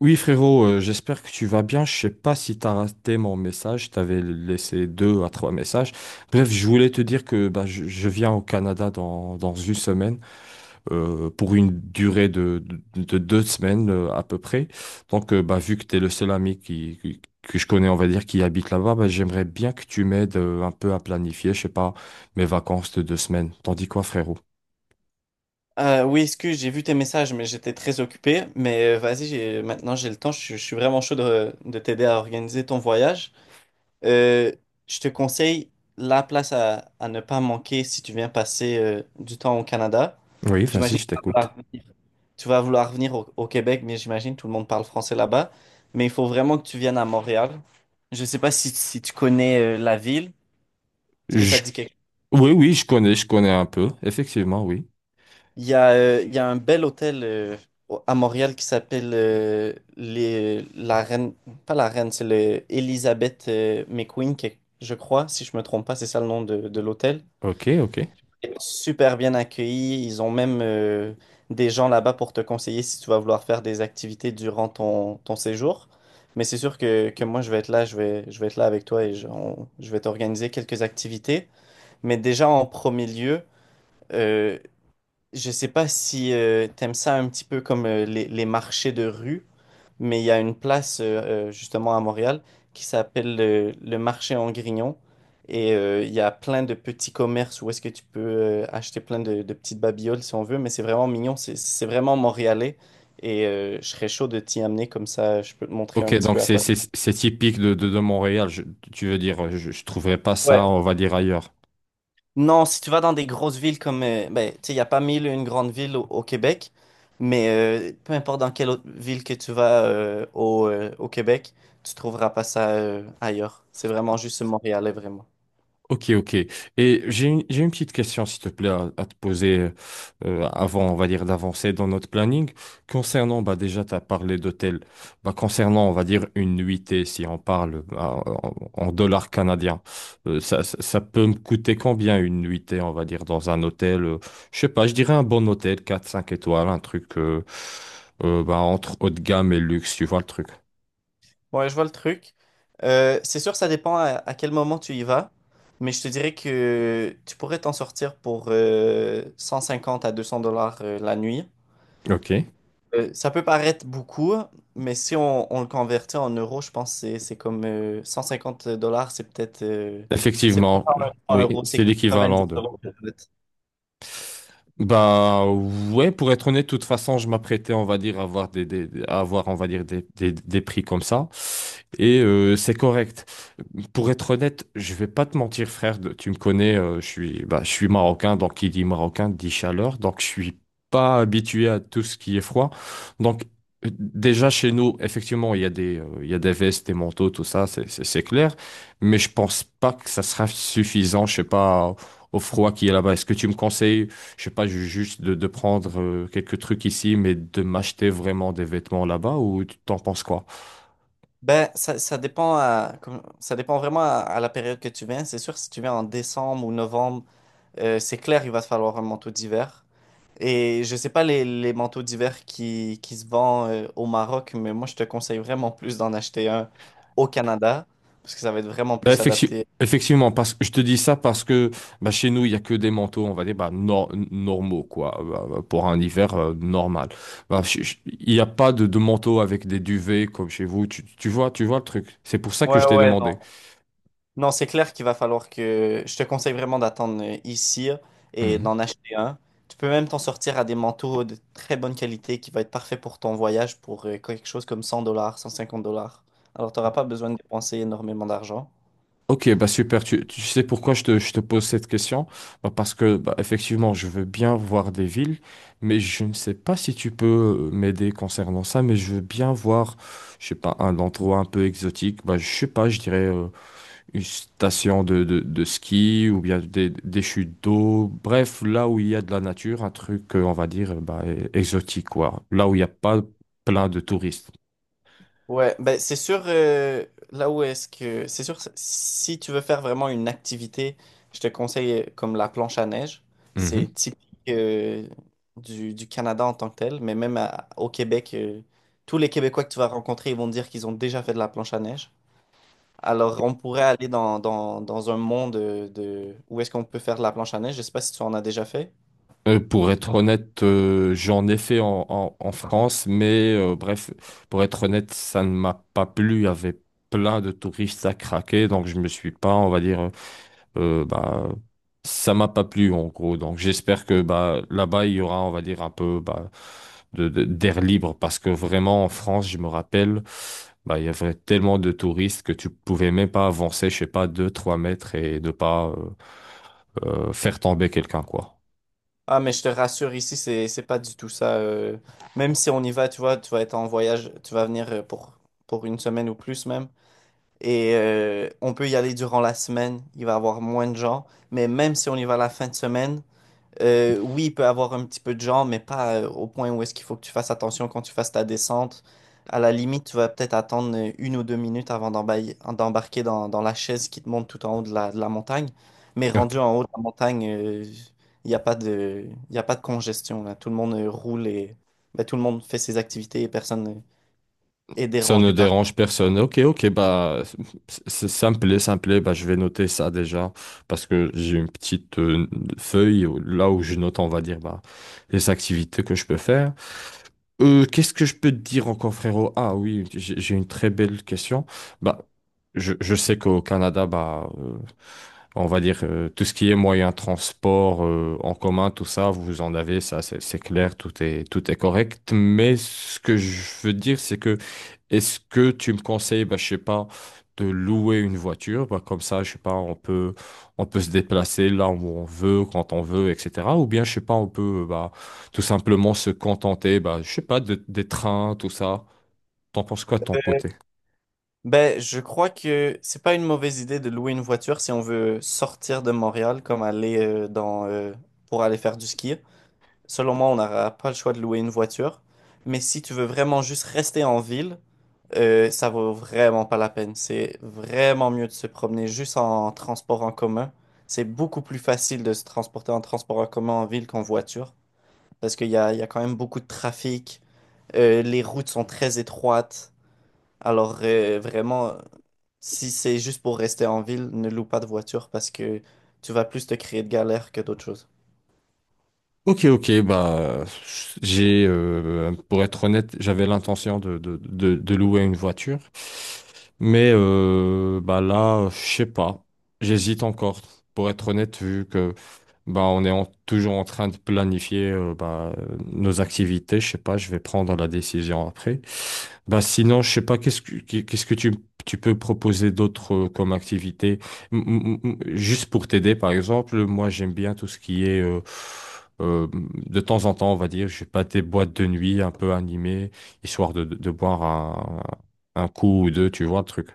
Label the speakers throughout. Speaker 1: Oui, frérot, j'espère que tu vas bien. Je sais pas si tu as raté mon message. Je t'avais laissé deux à trois messages. Bref, je voulais te dire que je viens au Canada dans une semaine pour une durée de deux semaines à peu près. Vu que tu es le seul ami que je connais, on va dire, qui habite là-bas, bah, j'aimerais bien que tu m'aides un peu à planifier, je sais pas, mes vacances de deux semaines. T'en dis quoi, frérot?
Speaker 2: Oui, excuse, j'ai vu tes messages, mais j'étais très occupé. Mais vas-y, maintenant j'ai le temps. Je suis vraiment chaud de t'aider à organiser ton voyage. Euh, je te conseille la place à ne pas manquer si tu viens passer du temps au Canada.
Speaker 1: Oui, vas-y,
Speaker 2: J'imagine que
Speaker 1: je
Speaker 2: tu vas
Speaker 1: t'écoute.
Speaker 2: vouloir venir, tu vas vouloir venir au Québec, mais j'imagine que tout le monde parle français là-bas. Mais il faut vraiment que tu viennes à Montréal. Je ne sais pas si tu connais la ville. Est-ce que ça
Speaker 1: Je-
Speaker 2: te dit quelque.
Speaker 1: Oui, oui, je connais un peu. Effectivement, oui.
Speaker 2: Il y a un bel hôtel à Montréal qui s'appelle la Reine, pas la Reine, c'est le Elizabeth McQueen, je crois, si je me trompe pas, c'est ça le nom de l'hôtel.
Speaker 1: Ok, ok.
Speaker 2: Et super bien accueilli, ils ont même des gens là-bas pour te conseiller si tu vas vouloir faire des activités durant ton séjour. Mais c'est sûr que moi je vais être là, je vais être là avec toi et je vais t'organiser quelques activités. Mais déjà en premier lieu, euh, je sais pas si t'aimes ça un petit peu comme les marchés de rue, mais il y a une place justement à Montréal qui s'appelle le marché en Grignon. Et il y a plein de petits commerces où est-ce que tu peux acheter plein de petites babioles si on veut, mais c'est vraiment mignon, c'est vraiment montréalais. Et je serais chaud de t'y amener comme ça, je peux te montrer
Speaker 1: Ok,
Speaker 2: un petit
Speaker 1: donc
Speaker 2: peu à
Speaker 1: c'est
Speaker 2: quoi.
Speaker 1: c'est- c'est typique de Montréal. Tu veux dire, je trouverais pas ça, on va dire, ailleurs.
Speaker 2: Non, si tu vas dans des grosses villes comme, ben, tu sais, il n'y a pas mille et une grande ville au Québec, mais peu importe dans quelle autre ville que tu vas au Québec, tu trouveras pas ça ailleurs. C'est vraiment juste montréalais, vraiment.
Speaker 1: Ok, ok. Et j'ai une petite question, s'il te plaît, à te poser avant, on va dire, d'avancer dans notre planning. Concernant, bah, déjà, tu as parlé d'hôtel. Bah, concernant, on va dire, une nuitée, si on parle bah, en dollars canadiens, ça peut me coûter combien une nuitée, on va dire, dans un hôtel? Je sais pas, je dirais un bon hôtel, quatre cinq étoiles, un truc entre haut de gamme et luxe, tu vois le truc.
Speaker 2: Ouais, je vois le truc. C'est sûr, ça dépend à quel moment tu y vas, mais je te dirais que tu pourrais t'en sortir pour 150 à 200 dollars la nuit.
Speaker 1: Ok.
Speaker 2: Ça peut paraître beaucoup, mais si on le convertit en euros, je pense que c'est comme 150 dollars, c'est peut-être, c'est
Speaker 1: Effectivement,
Speaker 2: pas en
Speaker 1: oui,
Speaker 2: euros,
Speaker 1: c'est
Speaker 2: c'est 90
Speaker 1: l'équivalent de…
Speaker 2: euros peut-être.
Speaker 1: Bah ouais, pour être honnête, de toute façon, je m'apprêtais, on va dire, à avoir, on va dire, des prix comme ça. Et c'est correct. Pour être honnête, je vais pas te mentir, frère. Tu me connais, je suis marocain, donc qui dit marocain dit chaleur, donc je suis pas habitué à tout ce qui est froid. Donc déjà chez nous, effectivement, il y a des vestes, des manteaux, tout ça, c'est clair. Mais je pense pas que ça sera suffisant, je sais pas, au froid qui est là-bas. Est-ce que tu me conseilles? Je sais pas, juste de prendre quelques trucs ici, mais de m'acheter vraiment des vêtements là-bas, ou tu t'en penses quoi?
Speaker 2: Ben, ça dépend ça dépend vraiment à la période que tu viens. C'est sûr, si tu viens en décembre ou novembre, c'est clair, il va te falloir un manteau d'hiver. Et je sais pas les manteaux d'hiver qui se vendent au Maroc, mais moi, je te conseille vraiment plus d'en acheter un au Canada, parce que ça va être vraiment
Speaker 1: Bah,
Speaker 2: plus adapté.
Speaker 1: effectivement, parce que je te dis ça parce que bah, chez nous, il y a que des manteaux, on va dire, normaux, quoi, pour un hiver normal. Bah, il n'y a pas de manteau avec des duvets comme chez vous. Tu vois le truc. C'est pour ça que
Speaker 2: Ouais,
Speaker 1: je t'ai
Speaker 2: ouais, non.
Speaker 1: demandé.
Speaker 2: Non, c'est clair qu'il va falloir que... Je te conseille vraiment d'attendre ici et d'en
Speaker 1: Mhm.
Speaker 2: acheter un. Tu peux même t'en sortir à des manteaux de très bonne qualité qui va être parfait pour ton voyage pour quelque chose comme 100 dollars, 150 dollars. Alors, tu n'auras pas besoin de dépenser énormément d'argent.
Speaker 1: Ok, bah super. Tu sais pourquoi je te pose cette question? Bah parce que bah, effectivement, je veux bien voir des villes, mais je ne sais pas si tu peux m'aider concernant ça. Mais je veux bien voir, je sais pas, un endroit un peu exotique. Bah je sais pas, je dirais une station de ski, ou bien des chutes d'eau. Bref, là où il y a de la nature, un truc on va dire exotique, quoi. Là où il n'y a pas plein de touristes.
Speaker 2: Ouais, ben c'est sûr, là où est-ce que... C'est sûr, si tu veux faire vraiment une activité, je te conseille comme la planche à neige.
Speaker 1: Mm-hmm.
Speaker 2: C'est typique euh, du Canada en tant que tel, mais même au Québec, tous les Québécois que tu vas rencontrer, ils vont te dire qu'ils ont déjà fait de la planche à neige. Alors, on pourrait aller dans un monde où est-ce qu'on peut faire de la planche à neige. Je sais pas si tu en as déjà fait.
Speaker 1: Pour être honnête, j'en ai fait en France, mais bref, pour être honnête, ça ne m'a pas plu. Il y avait plein de touristes à craquer, donc je me suis pas, on va dire, euh, bah, ça m'a pas plu en gros. Donc j'espère que bah, là-bas, il y aura, on va dire, un peu bah, d'air libre, parce que vraiment en France, je me rappelle, bah, il y avait tellement de touristes que tu pouvais même pas avancer, je sais pas, deux trois mètres, et de pas faire tomber quelqu'un, quoi.
Speaker 2: Ah, mais je te rassure, ici, c'est pas du tout ça. Même si on y va, tu vois, tu vas être en voyage, tu vas venir pour une semaine ou plus même. Et on peut y aller durant la semaine, il va y avoir moins de gens. Mais même si on y va la fin de semaine, oui, il peut avoir un petit peu de genre, mais pas au point où est-ce qu'il faut que tu fasses attention quand tu fasses ta descente. À la limite, tu vas peut-être attendre une ou deux minutes avant d'embarquer dans la chaise qui te monte tout en haut de de la montagne. Mais rendu en haut de la montagne, il n'y a pas de, il y a pas de congestion, là. Tout le monde roule et ben, tout le monde fait ses activités et personne est
Speaker 1: Ça ne
Speaker 2: dérangé par.
Speaker 1: dérange personne. Ok, ok, bah, ça me plaît, ça me plaît. Bah, je vais noter ça déjà parce que j'ai une petite feuille là où je note, on va dire, bah, les activités que je peux faire. Qu'est-ce que je peux te dire encore, frérot? Ah oui, j'ai une très belle question. Bah, je sais qu'au Canada, on va dire, tout ce qui est moyen de transport en commun, tout ça, vous en avez, ça, c'est clair, tout est correct. Mais ce que je veux dire, c'est que est-ce que tu me conseilles, bah, je sais pas, de louer une voiture, bah, comme ça, je sais pas, on peut se déplacer là où on veut, quand on veut, etc. Ou bien, je sais pas, on peut, bah, tout simplement se contenter, bah, je sais pas, des trains, tout ça. T'en penses quoi de ton côté?
Speaker 2: Ben, je crois que c'est pas une mauvaise idée de louer une voiture si on veut sortir de Montréal, comme aller pour aller faire du ski. Selon moi, on n'aura pas le choix de louer une voiture. Mais si tu veux vraiment juste rester en ville, ça vaut vraiment pas la peine. C'est vraiment mieux de se promener juste en transport en commun. C'est beaucoup plus facile de se transporter en transport en commun en ville qu'en voiture. Parce qu'il y a quand même beaucoup de trafic. Les routes sont très étroites. Alors vraiment, si c'est juste pour rester en ville, ne loue pas de voiture parce que tu vas plus te créer de galères que d'autres choses.
Speaker 1: Ok, ok, bah j'ai pour être honnête, j'avais l'intention de louer une voiture, mais bah là, je sais pas, j'hésite encore, pour être honnête, vu que bah on est toujours en train de planifier bah, nos activités, je sais pas, je vais prendre la décision après. Bah sinon, je sais pas, qu'est-ce que tu peux proposer d'autre comme activité? Juste pour t'aider, par exemple, moi j'aime bien tout ce qui est, euh, de temps en temps, on va dire, je sais pas, des boîtes de nuit un peu animées, histoire de boire un coup ou deux, tu vois, le truc.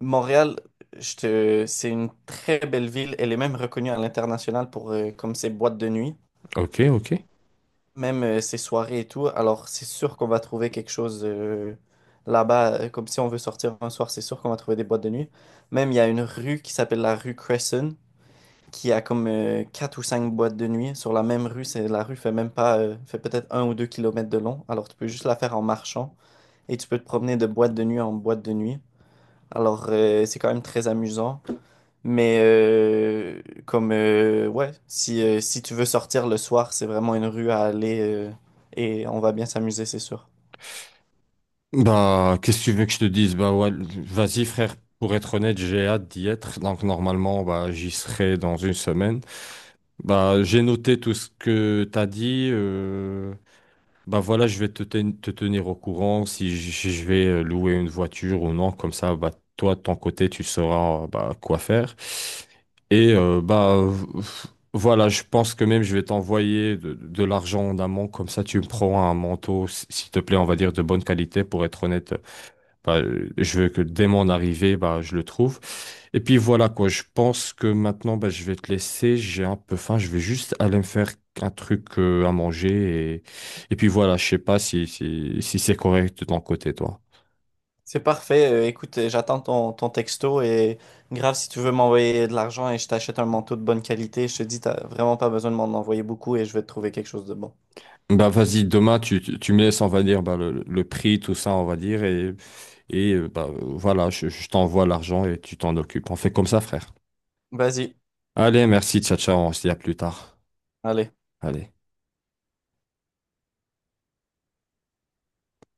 Speaker 2: Montréal, c'est une très belle ville. Elle est même reconnue à l'international pour comme ses boîtes de nuit,
Speaker 1: Ok, ok.
Speaker 2: même ses soirées et tout. Alors, c'est sûr qu'on va trouver quelque chose là-bas. Comme si on veut sortir un soir, c'est sûr qu'on va trouver des boîtes de nuit. Même, il y a une rue qui s'appelle la rue Cresson, qui a comme quatre ou cinq boîtes de nuit sur la même rue. La rue fait même pas, fait peut-être un ou deux kilomètres de long. Alors, tu peux juste la faire en marchant et tu peux te promener de boîte de nuit en boîte de nuit. Alors, c'est quand même très amusant. Mais comme ouais, si si tu veux sortir le soir, c'est vraiment une rue à aller et on va bien s'amuser, c'est sûr.
Speaker 1: Bah, qu'est-ce que tu veux que je te dise? Bah ouais, vas-y frère, pour être honnête, j'ai hâte d'y être. Donc normalement, bah, j'y serai dans une semaine. Bah, j'ai noté tout ce que t'as dit. Bah voilà, je vais te, te tenir au courant si si je vais louer une voiture ou non. Comme ça, bah, toi, de ton côté, tu sauras bah, quoi faire. Et voilà, je pense que même je vais t'envoyer de l'argent en amont. Comme ça, tu me prends un manteau, s'il te plaît, on va dire de bonne qualité, pour être honnête. Bah, je veux que dès mon arrivée, bah, je le trouve. Et puis voilà quoi, je pense que maintenant, bah, je vais te laisser, j'ai un peu faim, je vais juste aller me faire un truc à manger. Et puis voilà, je sais pas si, si, si c'est correct de ton côté, toi.
Speaker 2: C'est parfait. Écoute, j'attends ton texto et grave si tu veux m'envoyer de l'argent et je t'achète un manteau de bonne qualité, je te dis t'as vraiment pas besoin de m'en envoyer beaucoup et je vais te trouver quelque chose de bon.
Speaker 1: Bah vas-y, demain, tu me laisses, on va dire, bah, le prix, tout ça, on va dire. Et bah, voilà, je t'envoie l'argent et tu t'en occupes. On fait comme ça, frère.
Speaker 2: Vas-y,
Speaker 1: Allez, merci, ciao, ciao, on se dit à plus tard.
Speaker 2: allez.
Speaker 1: Allez.